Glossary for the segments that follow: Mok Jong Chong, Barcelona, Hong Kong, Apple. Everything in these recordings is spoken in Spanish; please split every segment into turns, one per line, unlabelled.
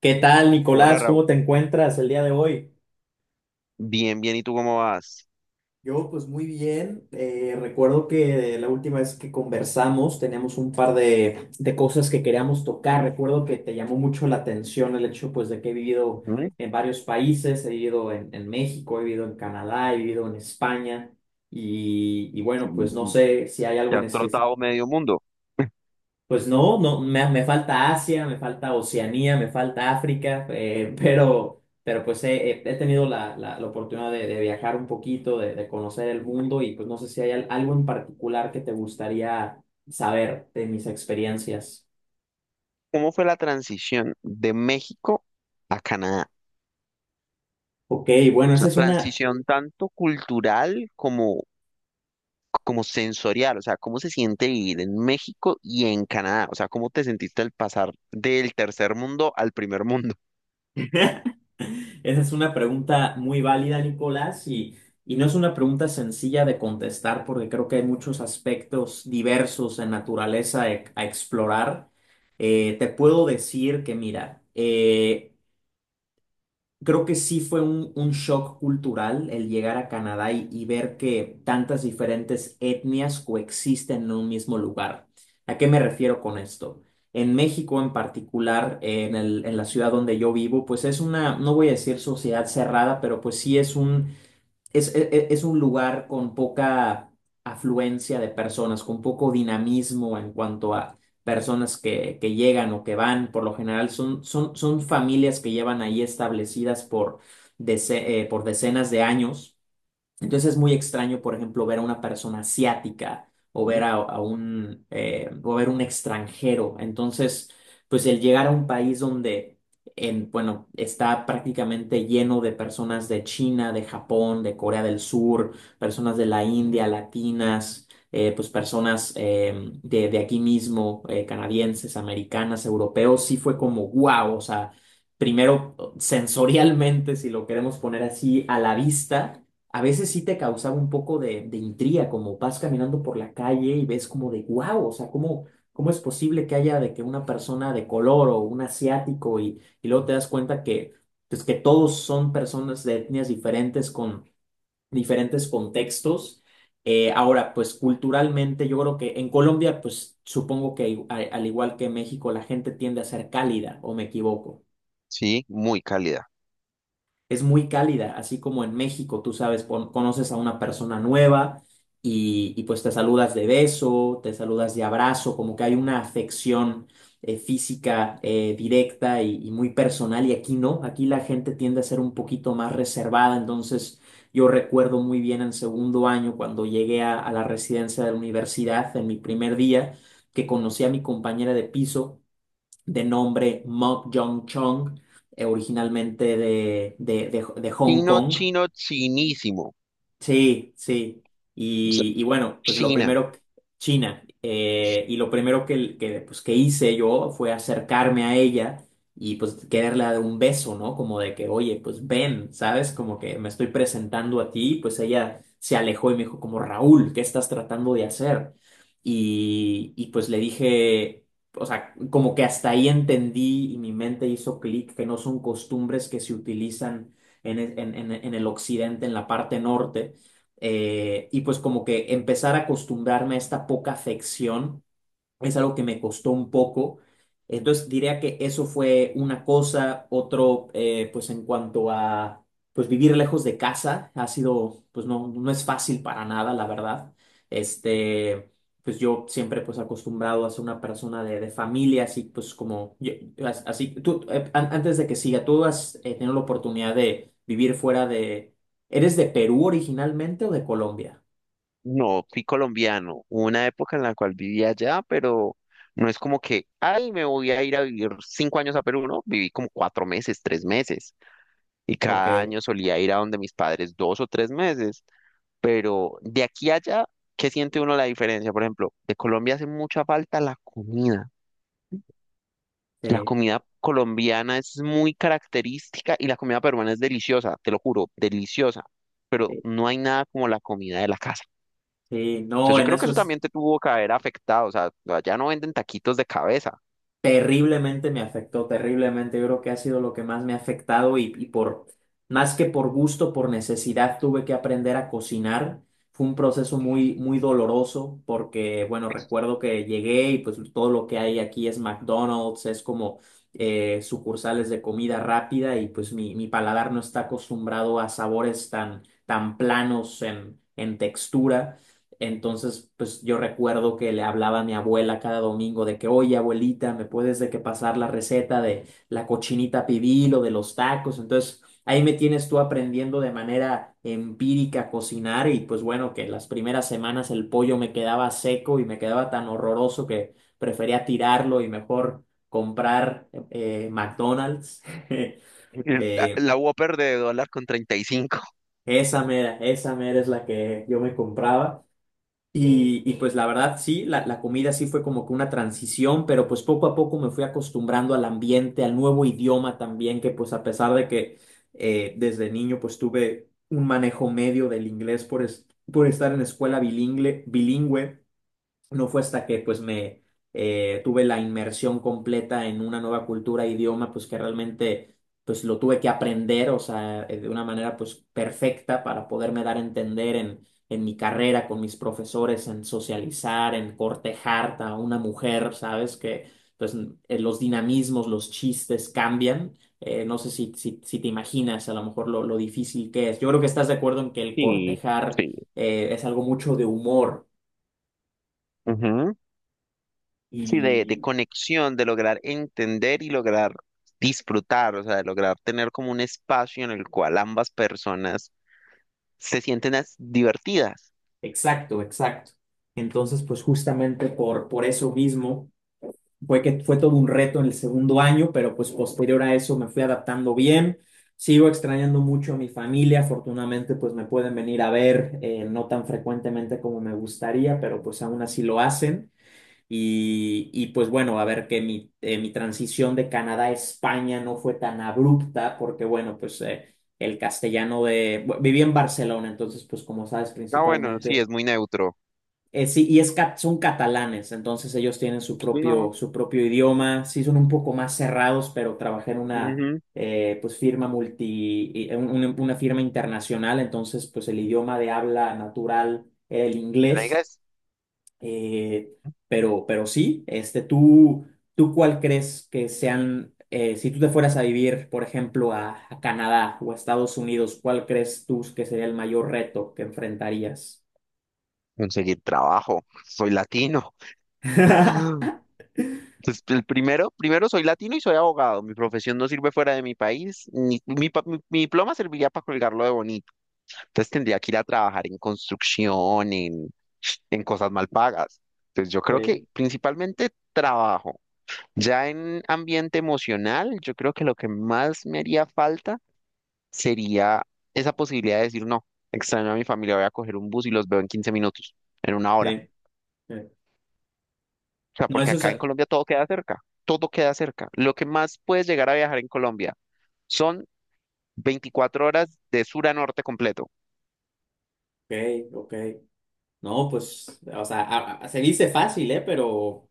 ¿Qué tal,
Hola,
Nicolás?
Raúl.
¿Cómo te encuentras el día de hoy?
Bien, bien, ¿y tú cómo vas?
Yo, pues muy bien. Recuerdo que la última vez que conversamos teníamos un par de cosas que queríamos tocar. Recuerdo que te llamó mucho la atención el hecho, pues, de que he vivido
Ujú.
en varios países. He vivido en México, he vivido en Canadá, he vivido en España. Y bueno, pues no
Sí.
sé si hay algo
Te
en
has
específico.
trotado medio mundo.
Pues no, me falta Asia, me falta Oceanía, me falta África, pero pues he tenido la oportunidad de viajar un poquito, de conocer el mundo y pues no sé si hay algo en particular que te gustaría saber de mis experiencias.
¿Cómo fue la transición de México a Canadá?
Ok, bueno,
O sea,
esa es una...
transición tanto cultural como, sensorial. O sea, ¿cómo se siente vivir en México y en Canadá? O sea, ¿cómo te sentiste al pasar del tercer mundo al primer mundo?
Esa es una pregunta muy válida, Nicolás, y no es una pregunta sencilla de contestar porque creo que hay muchos aspectos diversos en naturaleza a explorar. Te puedo decir que, mira, creo que sí fue un shock cultural el llegar a Canadá y ver que tantas diferentes etnias coexisten en un mismo lugar. ¿A qué me refiero con esto? En México en particular, en en la ciudad donde yo vivo, pues es una, no voy a decir sociedad cerrada, pero pues sí es un, es un lugar con poca afluencia de personas, con poco dinamismo en cuanto a personas que llegan o que van. Por lo general son familias que llevan ahí establecidas por por decenas de años, entonces es muy extraño, por ejemplo, ver a una persona asiática o ver
Ujú.
a un, o ver un extranjero. Entonces, pues el llegar a un país donde, bueno, está prácticamente lleno de personas de China, de Japón, de Corea del Sur, personas de la India, latinas, pues personas de aquí mismo, canadienses, americanas, europeos, sí fue como wow, o sea, primero sensorialmente, si lo queremos poner así, a la vista a veces sí te causaba un poco de intriga, como vas caminando por la calle y ves como de wow, o sea, ¿cómo, cómo es posible que haya de que una persona de color o un asiático? Y, y luego te das cuenta que, pues, que todos son personas de etnias diferentes con diferentes contextos. Ahora, pues culturalmente yo creo que en Colombia, pues supongo que al igual que en México, la gente tiende a ser cálida, ¿o me equivoco?
Sí, muy cálida.
Es muy cálida, así como en México, tú sabes, conoces a una persona nueva y pues te saludas de beso, te saludas de abrazo, como que hay una afección física directa y muy personal, y aquí no, aquí la gente tiende a ser un poquito más reservada, entonces yo recuerdo muy bien en segundo año cuando llegué a la residencia de la universidad en mi primer día, que conocí a mi compañera de piso de nombre Mok Jong Chong, originalmente de Hong
Chino,
Kong.
chino, chinísimo.
Sí, sí.
O sea,
Y bueno, pues lo
China.
primero, que... China, y lo primero que, pues, que hice yo fue acercarme a ella y pues quererle dar un beso, ¿no? Como de que, oye, pues ven, ¿sabes? Como que me estoy presentando a ti, pues ella se alejó y me dijo como, Raúl, ¿qué estás tratando de hacer? Y pues le dije, o sea, como que hasta ahí entendí y mi mente hizo clic, que no son costumbres que se utilizan en el occidente, en la parte norte. Y pues como que empezar a acostumbrarme a esta poca afección es algo que me costó un poco. Entonces diría que eso fue una cosa, otro, pues en cuanto a, pues vivir lejos de casa, ha sido, pues no, no es fácil para nada, la verdad. Este, pues yo siempre pues acostumbrado a ser una persona de familia, así pues como, así, tú, antes de que siga, tú has tenido la oportunidad de vivir fuera de... ¿Eres de Perú originalmente o de Colombia?
No, fui colombiano. Hubo una época en la cual vivía allá, pero no es como que, ay, me voy a ir a vivir 5 años a Perú, ¿no? Viví como 4 meses, 3 meses, y
Ok,
cada año solía ir a donde mis padres 2 o 3 meses, pero de aquí a allá, ¿qué siente uno la diferencia? Por ejemplo, de Colombia hace mucha falta la comida. La
sí,
comida colombiana es muy característica y la comida peruana es deliciosa, te lo juro, deliciosa, pero
sí,
no hay nada como la comida de la casa.
sí,
O sea,
no,
yo
en
creo que
eso
eso
es...
también te tuvo que haber afectado. O sea, ya no venden taquitos de cabeza.
Terriblemente me afectó, terriblemente. Yo creo que ha sido lo que más me ha afectado, y por más que por gusto, por necesidad, tuve que aprender a cocinar. Fue un proceso muy, muy doloroso porque, bueno, recuerdo que llegué y pues todo lo que hay aquí es McDonald's, es como sucursales de comida rápida y pues mi paladar no está acostumbrado a sabores tan, tan planos en textura. Entonces, pues yo recuerdo que le hablaba a mi abuela cada domingo de que, oye, abuelita, ¿me puedes de que pasar la receta de la cochinita pibil o de los tacos? Entonces, ahí me tienes tú aprendiendo de manera empírica a cocinar, y pues bueno, que las primeras semanas el pollo me quedaba seco y me quedaba tan horroroso que prefería tirarlo y mejor comprar McDonald's.
La,
Eh,
la Whopper de dólar con 35.
Esa mera, esa mera es la que yo me compraba. Y pues la verdad sí, la comida sí fue como que una transición, pero pues poco a poco me fui acostumbrando al ambiente, al nuevo idioma también, que pues a pesar de que desde niño pues tuve un manejo medio del inglés por, por estar en escuela bilingüe, bilingüe, no fue hasta que pues me tuve la inmersión completa en una nueva cultura, idioma, pues que realmente pues lo tuve que aprender, o sea, de una manera pues perfecta para poderme dar a entender en mi carrera, con mis profesores, en socializar, en cortejar a una mujer, ¿sabes? Que pues los dinamismos, los chistes cambian. No sé si, si, si te imaginas a lo mejor lo difícil que es. Yo creo que estás de acuerdo en que el
Sí,
cortejar
sí.
es algo mucho de humor.
Ujú. Sí, de
Y,
conexión, de lograr entender y lograr disfrutar, o sea, de lograr tener como un espacio en el cual ambas personas se sienten divertidas.
exacto, exacto. Entonces, pues justamente por eso mismo fue que fue todo un reto en el segundo año, pero pues posterior a eso me fui adaptando bien. Sigo extrañando mucho a mi familia, afortunadamente pues me pueden venir a ver, no tan frecuentemente como me gustaría, pero pues aún así lo hacen. Y pues bueno, a ver que mi, mi transición de Canadá a España no fue tan abrupta, porque bueno, pues el castellano de... Viví en Barcelona, entonces pues como sabes,
Ah, bueno, sí,
principalmente
es muy neutro.
sí, y es, son catalanes, entonces ellos tienen
No.
su propio idioma, sí son un poco más cerrados, pero trabajé en una
Ujú.
pues firma una firma internacional, entonces pues el idioma de habla natural era el
Y la idea
inglés.
es
eh, pero sí, ¿tú, tú cuál crees que sean, si tú te fueras a vivir, por ejemplo, a Canadá o a Estados Unidos, cuál crees tú que sería el mayor reto que enfrentarías?
conseguir trabajo. Soy latino. Pues el primero, primero soy latino y soy abogado. Mi profesión no sirve fuera de mi país. Ni, mi, pa- mi- Mi diploma serviría para colgarlo de bonito. Entonces tendría que ir a trabajar en construcción, en cosas mal pagas. Entonces yo creo que
Sí,
principalmente trabajo. Ya en ambiente emocional, yo creo que lo que más me haría falta sería esa posibilidad de decir, no, extraño a mi familia, voy a coger un bus y los veo en 15 minutos, en una hora.
sí. Sí.
O sea,
No,
porque
eso es.
acá en
Ok,
Colombia todo queda cerca, todo queda cerca. Lo que más puedes llegar a viajar en Colombia son 24 horas de sur a norte completo.
ok. No, pues, o sea, se dice fácil, ¿eh? Pero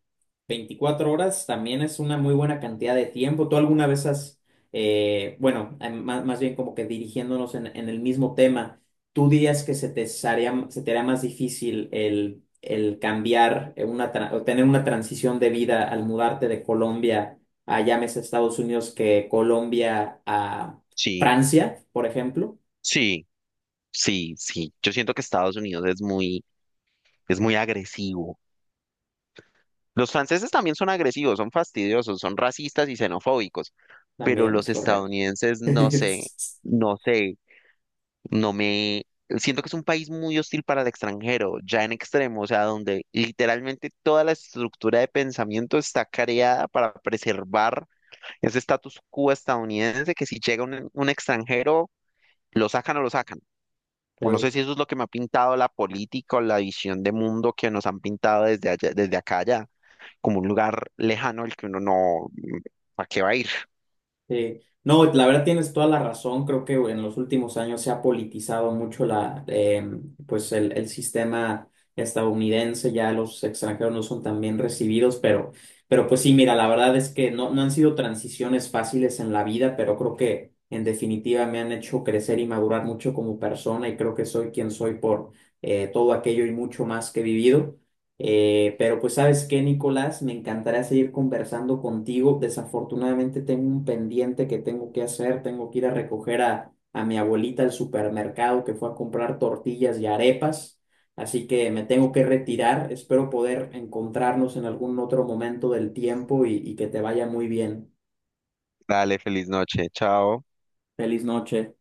24 horas también es una muy buena cantidad de tiempo. ¿Tú alguna vez has, bueno, más, más bien como que dirigiéndonos en el mismo tema, tú dirías que se te haría más difícil el cambiar una, o tener una transición de vida al mudarte de Colombia a, llámese Estados Unidos, que Colombia a
Sí,
Francia, por ejemplo?
sí, sí, sí. Yo siento que Estados Unidos es muy agresivo. Los franceses también son agresivos, son fastidiosos, son racistas y xenofóbicos, pero
También es
los
correcto.
estadounidenses no sé,
Sí,
no sé. No me... Siento que es un país muy hostil para el extranjero, ya en extremo, o sea, donde literalmente toda la estructura de pensamiento está creada para preservar ese status quo estadounidense que si llega un extranjero, lo sacan. O no sé si eso es lo que me ha pintado la política o la visión de mundo que nos han pintado desde allá, desde acá allá, como un lugar lejano al que uno no, ¿para qué va a ir?
sí. No, la verdad tienes toda la razón. Creo que en los últimos años se ha politizado mucho la, pues el sistema estadounidense. Ya los extranjeros no son tan bien recibidos, pero pues sí, mira, la verdad es que no, no han sido transiciones fáciles en la vida, pero creo que en definitiva me han hecho crecer y madurar mucho como persona y creo que soy quien soy por todo aquello y mucho más que he vivido. Pero pues sabes qué, Nicolás, me encantaría seguir conversando contigo. Desafortunadamente tengo un pendiente que tengo que hacer. Tengo que ir a recoger a mi abuelita al supermercado que fue a comprar tortillas y arepas. Así que me tengo que retirar. Espero poder encontrarnos en algún otro momento del tiempo y que te vaya muy bien.
Dale, feliz noche, chao.
Feliz noche.